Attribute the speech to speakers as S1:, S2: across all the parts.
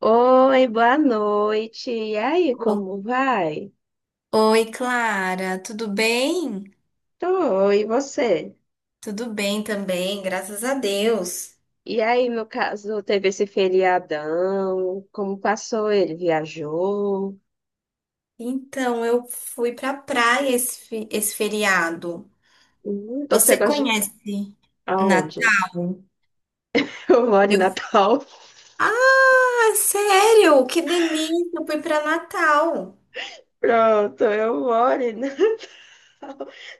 S1: Oi, boa noite. E aí,
S2: O-
S1: como vai?
S2: Oi, Clara, tudo bem?
S1: Tô, e você?
S2: Tudo bem também, graças a Deus.
S1: E aí, no caso, teve esse feriadão? Como passou ele? Viajou?
S2: Então, eu fui pra praia esse feriado.
S1: Então você
S2: Você
S1: gosta de...
S2: conhece
S1: Aonde?
S2: Natal?
S1: Eu moro em
S2: Eu...
S1: Natal.
S2: Ah, sério? Que delícia! Eu fui pra Natal.
S1: Pronto, eu moro em Natal.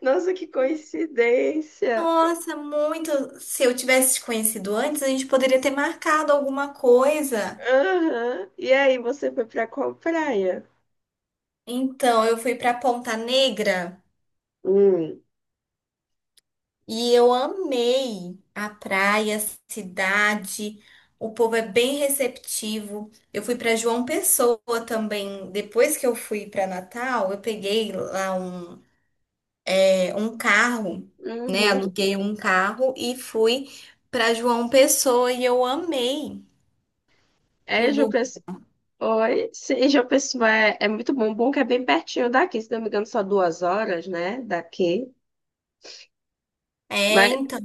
S1: Nossa, que coincidência.
S2: Nossa, muito. Se eu tivesse te conhecido antes, a gente poderia ter marcado alguma coisa.
S1: Aham. E aí, você foi pra qual praia?
S2: Então, eu fui pra Ponta Negra.
S1: Hum.
S2: E eu amei a praia, a cidade. O povo é bem receptivo. Eu fui para João Pessoa também. Depois que eu fui para Natal, eu peguei lá um carro, né?
S1: Uhum.
S2: Aluguei um carro e fui para João Pessoa e eu amei o
S1: É, Ju,
S2: lugar.
S1: oi, sim, João Pessoa é muito bom. Bom que é bem pertinho daqui, se não me engano, só 2 horas, né? Daqui.
S2: É,
S1: Mas,
S2: então.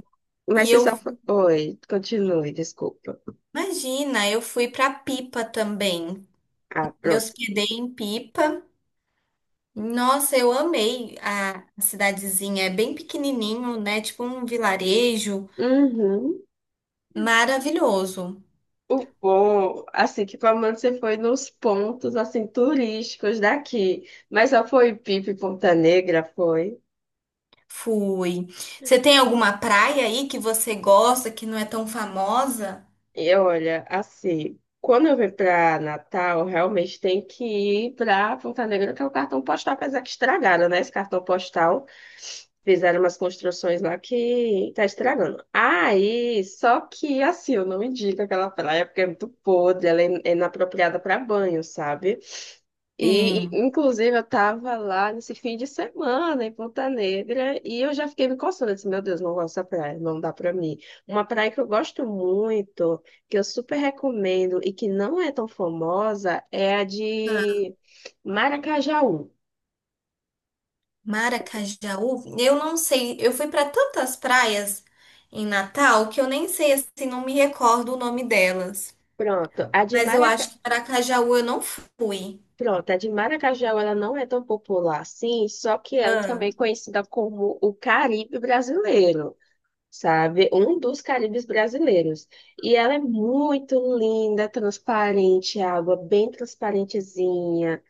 S1: mas
S2: E
S1: você
S2: eu,
S1: só. Foi- Oi, continue, desculpa.
S2: imagina, eu fui para Pipa também.
S1: Ah,
S2: Me
S1: pronto.
S2: hospedei em Pipa. Nossa, eu amei a cidadezinha. É bem pequenininho, né? Tipo um vilarejo.
S1: Uhum.
S2: Maravilhoso.
S1: O bom, assim, que pelo menos você foi nos pontos, assim, turísticos daqui. Mas só foi Pipa e Ponta Negra, foi?
S2: Fui. Você tem alguma praia aí que você gosta, que não é tão famosa?
S1: E olha, assim, quando eu vim para Natal, realmente tem que ir para Ponta Negra, que é o cartão postal, apesar que estragaram, né? Esse cartão postal. Fizeram umas construções lá que tá estragando. Aí, só que assim, eu não indico aquela praia porque é muito podre, ela é inapropriada para banho, sabe? E,
S2: Sim.
S1: inclusive, eu tava lá nesse fim de semana em Ponta Negra e eu já fiquei me coçando. Eu disse, meu Deus, não gosto dessa praia, não dá pra mim. Uma praia que eu gosto muito que eu super recomendo e que não é tão famosa é a
S2: Ah,
S1: de Maracajaú.
S2: Maracajaú? Eu não sei. Eu fui para tantas praias em Natal que eu nem sei, assim, não me recordo o nome delas.
S1: Pronto, a de
S2: Mas eu
S1: Maraca...
S2: acho que Maracajaú eu não fui.
S1: Pronto, a de Maracajaú ela não é tão popular assim, só que ela também
S2: Ah,
S1: é conhecida como o Caribe brasileiro. Sabe? Um dos Caribes brasileiros. E ela é muito linda, transparente, a água bem transparentezinha.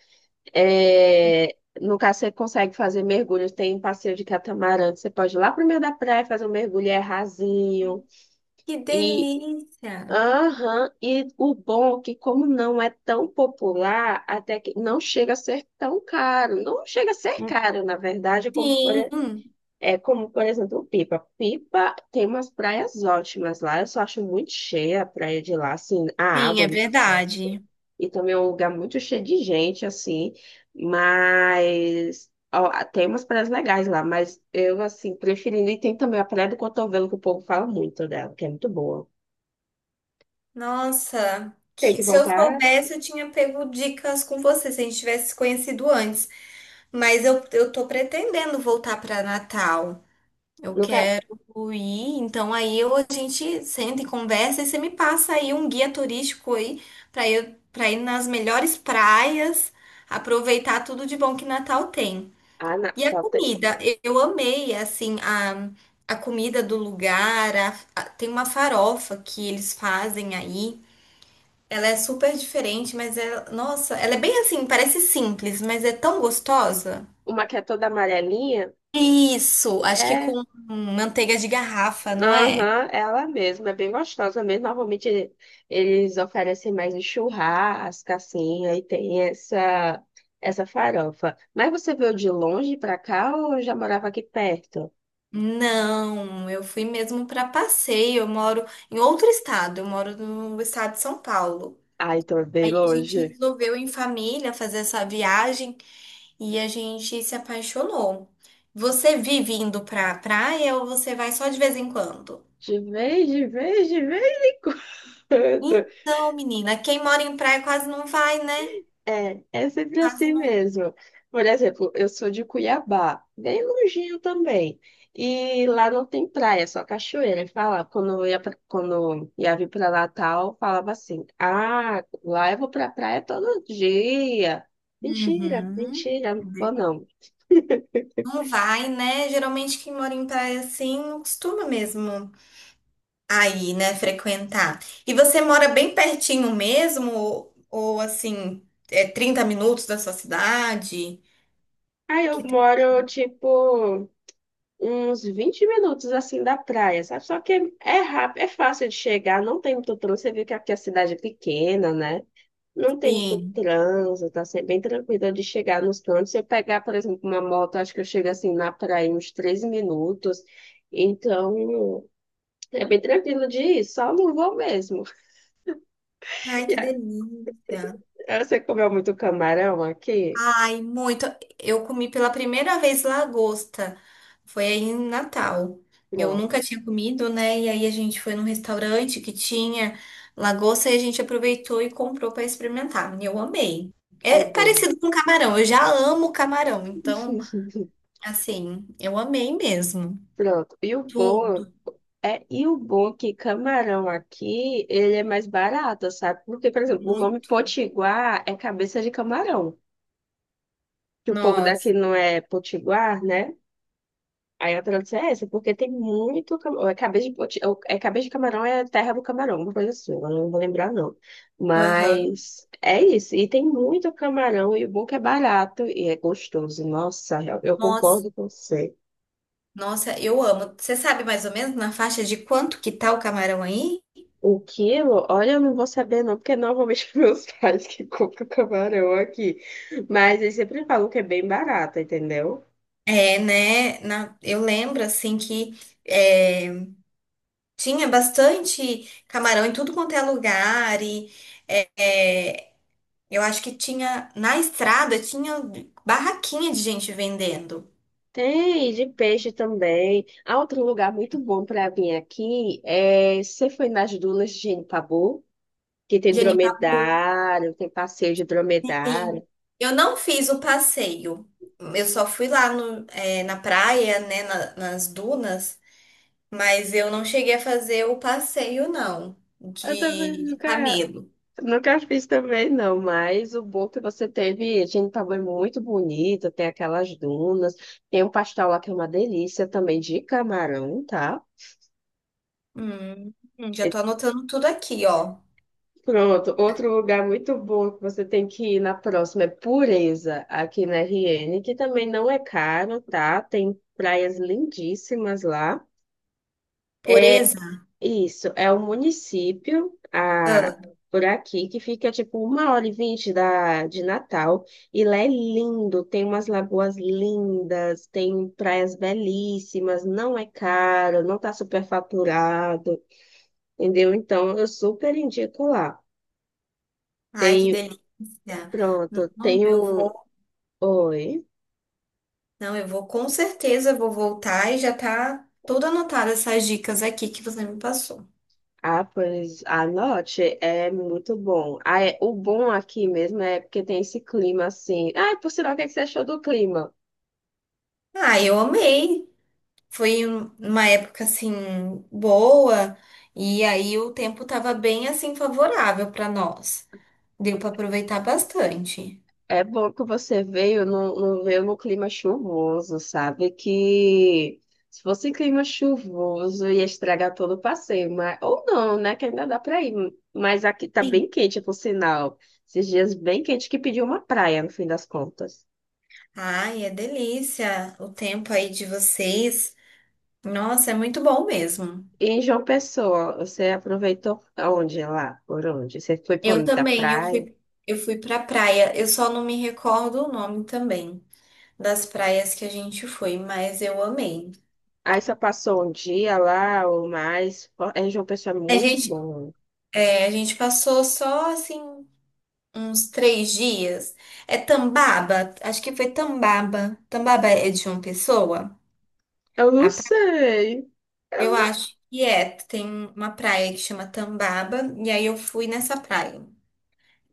S1: É, no caso, você consegue fazer mergulhos. Tem um passeio de catamarã que você pode ir lá pro meio da praia fazer um mergulho, é rasinho.
S2: que
S1: E,
S2: delícia!
S1: aham, e o bom é que, como não é tão popular, até que não chega a ser tão caro. Não chega a ser caro, na verdade, como por
S2: Sim.
S1: é como, por exemplo, Pipa. Pipa tem umas praias ótimas lá. Eu só acho muito cheia a praia de lá, assim, a
S2: Sim,
S1: água é
S2: é
S1: muito forte.
S2: verdade.
S1: E também é um lugar muito cheio de gente, assim. Mas ó, tem umas praias legais lá, mas eu, assim, preferindo. E tem também a Praia do Cotovelo, que o povo fala muito dela, que é muito boa.
S2: Nossa,
S1: Tem
S2: que-
S1: que
S2: se eu
S1: voltar
S2: soubesse, eu tinha pego dicas com você, se a gente tivesse se conhecido antes. Mas eu tô pretendendo voltar para Natal. Eu
S1: no... ca-
S2: quero ir, então aí a gente senta e conversa e você me passa aí um guia turístico aí para ir nas melhores praias, aproveitar tudo de bom que Natal tem.
S1: Ah, na...
S2: E a
S1: tá, tem-
S2: comida, eu amei, assim, a comida do lugar, tem uma farofa que eles fazem aí, ela é super diferente, mas nossa, ela é bem assim, parece simples, mas é tão gostosa.
S1: Uma que é toda amarelinha.
S2: Isso, acho que
S1: É
S2: com manteiga de garrafa, não é?
S1: aham, ela mesma, é bem gostosa mesmo. Normalmente eles oferecem mais em churrasco, assim, essa farofa. Mas você veio de longe pra cá ou já morava aqui perto?
S2: Não, eu fui mesmo para passeio, eu moro em outro estado, eu moro no estado de São Paulo.
S1: Ai, tô bem
S2: Aí a gente
S1: longe.
S2: resolveu em família fazer essa viagem. E a gente se apaixonou. Você vive indo pra praia ou você vai só de vez em quando?
S1: De vez em quando.
S2: Então, menina, quem mora em praia quase não vai, né?
S1: É, é sempre
S2: Quase
S1: assim
S2: não,
S1: mesmo. Por exemplo, eu sou de Cuiabá, bem longinho também. E lá não tem praia, só cachoeira. E fala, quando eu ia, pra- quando eu ia vir para Natal, falava assim: Ah, lá eu vou pra praia todo dia. Mentira,
S2: Uhum.
S1: mentira, não vou não.
S2: Não vai, né? Geralmente quem mora em praia assim não costuma mesmo aí, né, frequentar. E você mora bem pertinho mesmo? Ou, assim, é 30 minutos da sua cidade?
S1: Aí eu
S2: Que delícia.
S1: moro, tipo, uns 20 minutos assim da praia, sabe? Só que é rápido, é fácil de chegar, não tem muito trânsito. Você vê que aqui a cidade é pequena, né? Não tem muito
S2: Sim.
S1: trânsito, tá sempre bem tranquilo de chegar nos cantos. Se eu pegar, por exemplo, uma moto, acho que eu chego assim na praia em uns 13 minutos. Então, é bem tranquilo de ir, só não vou mesmo.
S2: Ai, que delícia.
S1: E aí, você comeu muito camarão aqui?
S2: Ai, muito. Eu comi pela primeira vez lagosta. Foi aí em Natal. Eu
S1: Pronto,
S2: nunca tinha comido, né? E aí a gente foi num restaurante que tinha lagosta e a gente aproveitou e comprou para experimentar. Eu amei.
S1: é
S2: É
S1: bom.
S2: parecido com camarão. Eu já amo camarão. Então, assim, eu amei mesmo.
S1: Pronto.
S2: Tudo,
S1: E o bom é que camarão aqui, ele é mais barato, sabe? Porque, por exemplo, o nome
S2: muito.
S1: potiguar é cabeça de camarão. Que o povo
S2: Nossa.
S1: daqui não é potiguar, né? Aí a tradução é essa, porque tem muito camarão. É cabeça de, poti- ou é cabeça de camarão, é terra do camarão, uma coisa assim, agora eu não vou lembrar não.
S2: Aham.
S1: Mas é isso, e tem muito camarão, e o bom é que é barato e é gostoso. Nossa, eu
S2: Nossa.
S1: concordo com você.
S2: Nossa, eu amo. Você sabe mais ou menos na faixa de quanto que tá o camarão aí?
S1: O quilo, olha, eu não vou saber não, porque normalmente meus pais que compram camarão aqui. Mas eles sempre falam que é bem barato, entendeu?
S2: É, né? Eu lembro, assim, que é, tinha bastante camarão em tudo quanto é lugar. E é, eu acho que tinha, na estrada, tinha barraquinha de gente vendendo.
S1: Tem de peixe também. Há outro lugar muito bom para vir aqui é você foi nas dunas de Pabu, que tem
S2: Genipabu.
S1: dromedário, tem passeio de
S2: Sim.
S1: dromedário.
S2: Eu não fiz o passeio. Eu só fui lá no, é, na praia, né, nas dunas. Mas eu não cheguei a fazer o passeio, não,
S1: Eu também
S2: de
S1: nunca,
S2: camelo.
S1: nunca fiz também não, mas o bom que você teve, Pabu é muito bonito, tem aquelas dunas, tem um pastel lá que é uma delícia também de camarão, tá?
S2: Hum, já tô anotando tudo aqui, ó.
S1: Pronto, outro lugar muito bom que você tem que ir na próxima é Pureza, aqui na RN, que também não é caro, tá? Tem praias lindíssimas lá. É
S2: Pureza.
S1: isso, é um município ah,
S2: Ah,
S1: por aqui que fica tipo 1 hora e 20 da, de Natal, e lá é lindo, tem umas lagoas lindas, tem praias belíssimas, não é caro, não tá superfaturado, entendeu? Então eu super indico lá.
S2: ai, que
S1: Tem
S2: delícia.
S1: pronto,
S2: Não,
S1: tem
S2: eu
S1: um.
S2: vou,
S1: Oi.
S2: não, eu vou com certeza vou voltar e já tá tudo anotado essas dicas aqui que você me passou.
S1: Ah, pois anote, é muito bom. Ah, é... O bom aqui mesmo é porque tem esse clima assim. Ah, por sinal, o que é que você achou do clima?
S2: Ah, eu amei. Foi uma época assim boa e aí o tempo tava bem assim favorável para nós. Deu para aproveitar bastante.
S1: É bom que você veio, não, não veio no clima chuvoso, sabe? Que se fosse clima chuvoso ia estragar todo o passeio, mas... ou não, né? Que ainda dá pra ir. Mas aqui tá
S2: Sim.
S1: bem quente, por sinal. Esses dias bem quente que pediu uma praia, no fim das contas.
S2: Ai, é delícia o tempo aí de vocês. Nossa, é muito bom mesmo.
S1: E em João Pessoa, você aproveitou onde lá? Por onde? Você foi
S2: Eu
S1: para da
S2: também,
S1: praia?
S2: eu fui pra praia. Eu só não me recordo o nome também das praias que a gente foi, mas eu amei.
S1: Aí só passou um dia lá ou mais? É, em João Pessoa é
S2: A
S1: muito
S2: gente,
S1: bom.
S2: a gente passou só assim uns 3 dias. É Tambaba, acho que foi Tambaba. Tambaba é de uma pessoa?
S1: Eu não
S2: A pra-
S1: sei. Eu
S2: Eu
S1: não sei.
S2: acho que é. Tem uma praia que chama Tambaba, e aí eu fui nessa praia.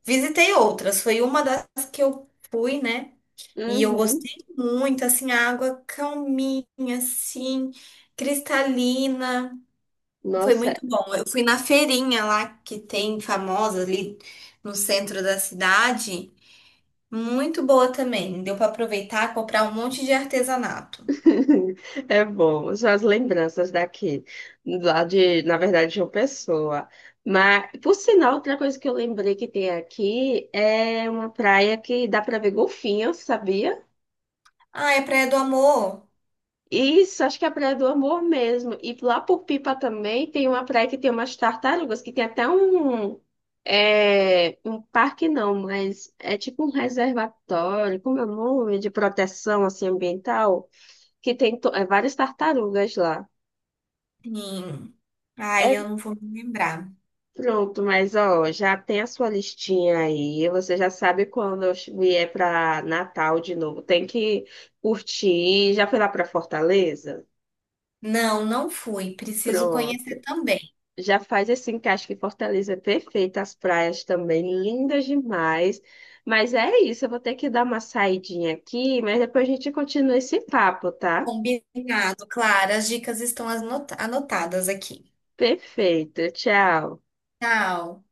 S2: Visitei outras, foi uma das que eu fui, né? E eu
S1: Uhum.
S2: gostei muito, assim, a água calminha, assim, cristalina. Foi
S1: Nossa, é
S2: muito bom. Eu fui na feirinha lá que tem famosa ali no centro da cidade. Muito boa também. Deu para aproveitar, comprar um monte de artesanato.
S1: é bom. São as lembranças daqui, lá de, na verdade, de João Pessoa. Mas, por sinal, outra coisa que eu lembrei que tem aqui é uma praia que dá para ver golfinhos, sabia?
S2: Ah, é Praia do Amor?
S1: Isso, acho que é a Praia do Amor mesmo. E lá por Pipa também tem uma praia que tem umas tartarugas, que tem até um, é, um parque não, mas é tipo um reservatório, como é o nome, de proteção assim, ambiental, que tem to- é, várias tartarugas lá.
S2: Sim.
S1: É
S2: Ai, eu não vou me lembrar.
S1: pronto, mas ó, já tem a sua listinha aí. Você já sabe quando eu vier para Natal de novo. Tem que curtir. Já foi lá para Fortaleza?
S2: Não, não fui. Preciso
S1: Pronto.
S2: conhecer também.
S1: Já faz esse encaixe que Fortaleza é perfeita, as praias também lindas demais. Mas é isso, eu vou ter que dar uma saidinha aqui, mas depois a gente continua esse papo, tá?
S2: Combinado, claro. As dicas estão anotadas aqui.
S1: Perfeito, tchau.
S2: Tchau.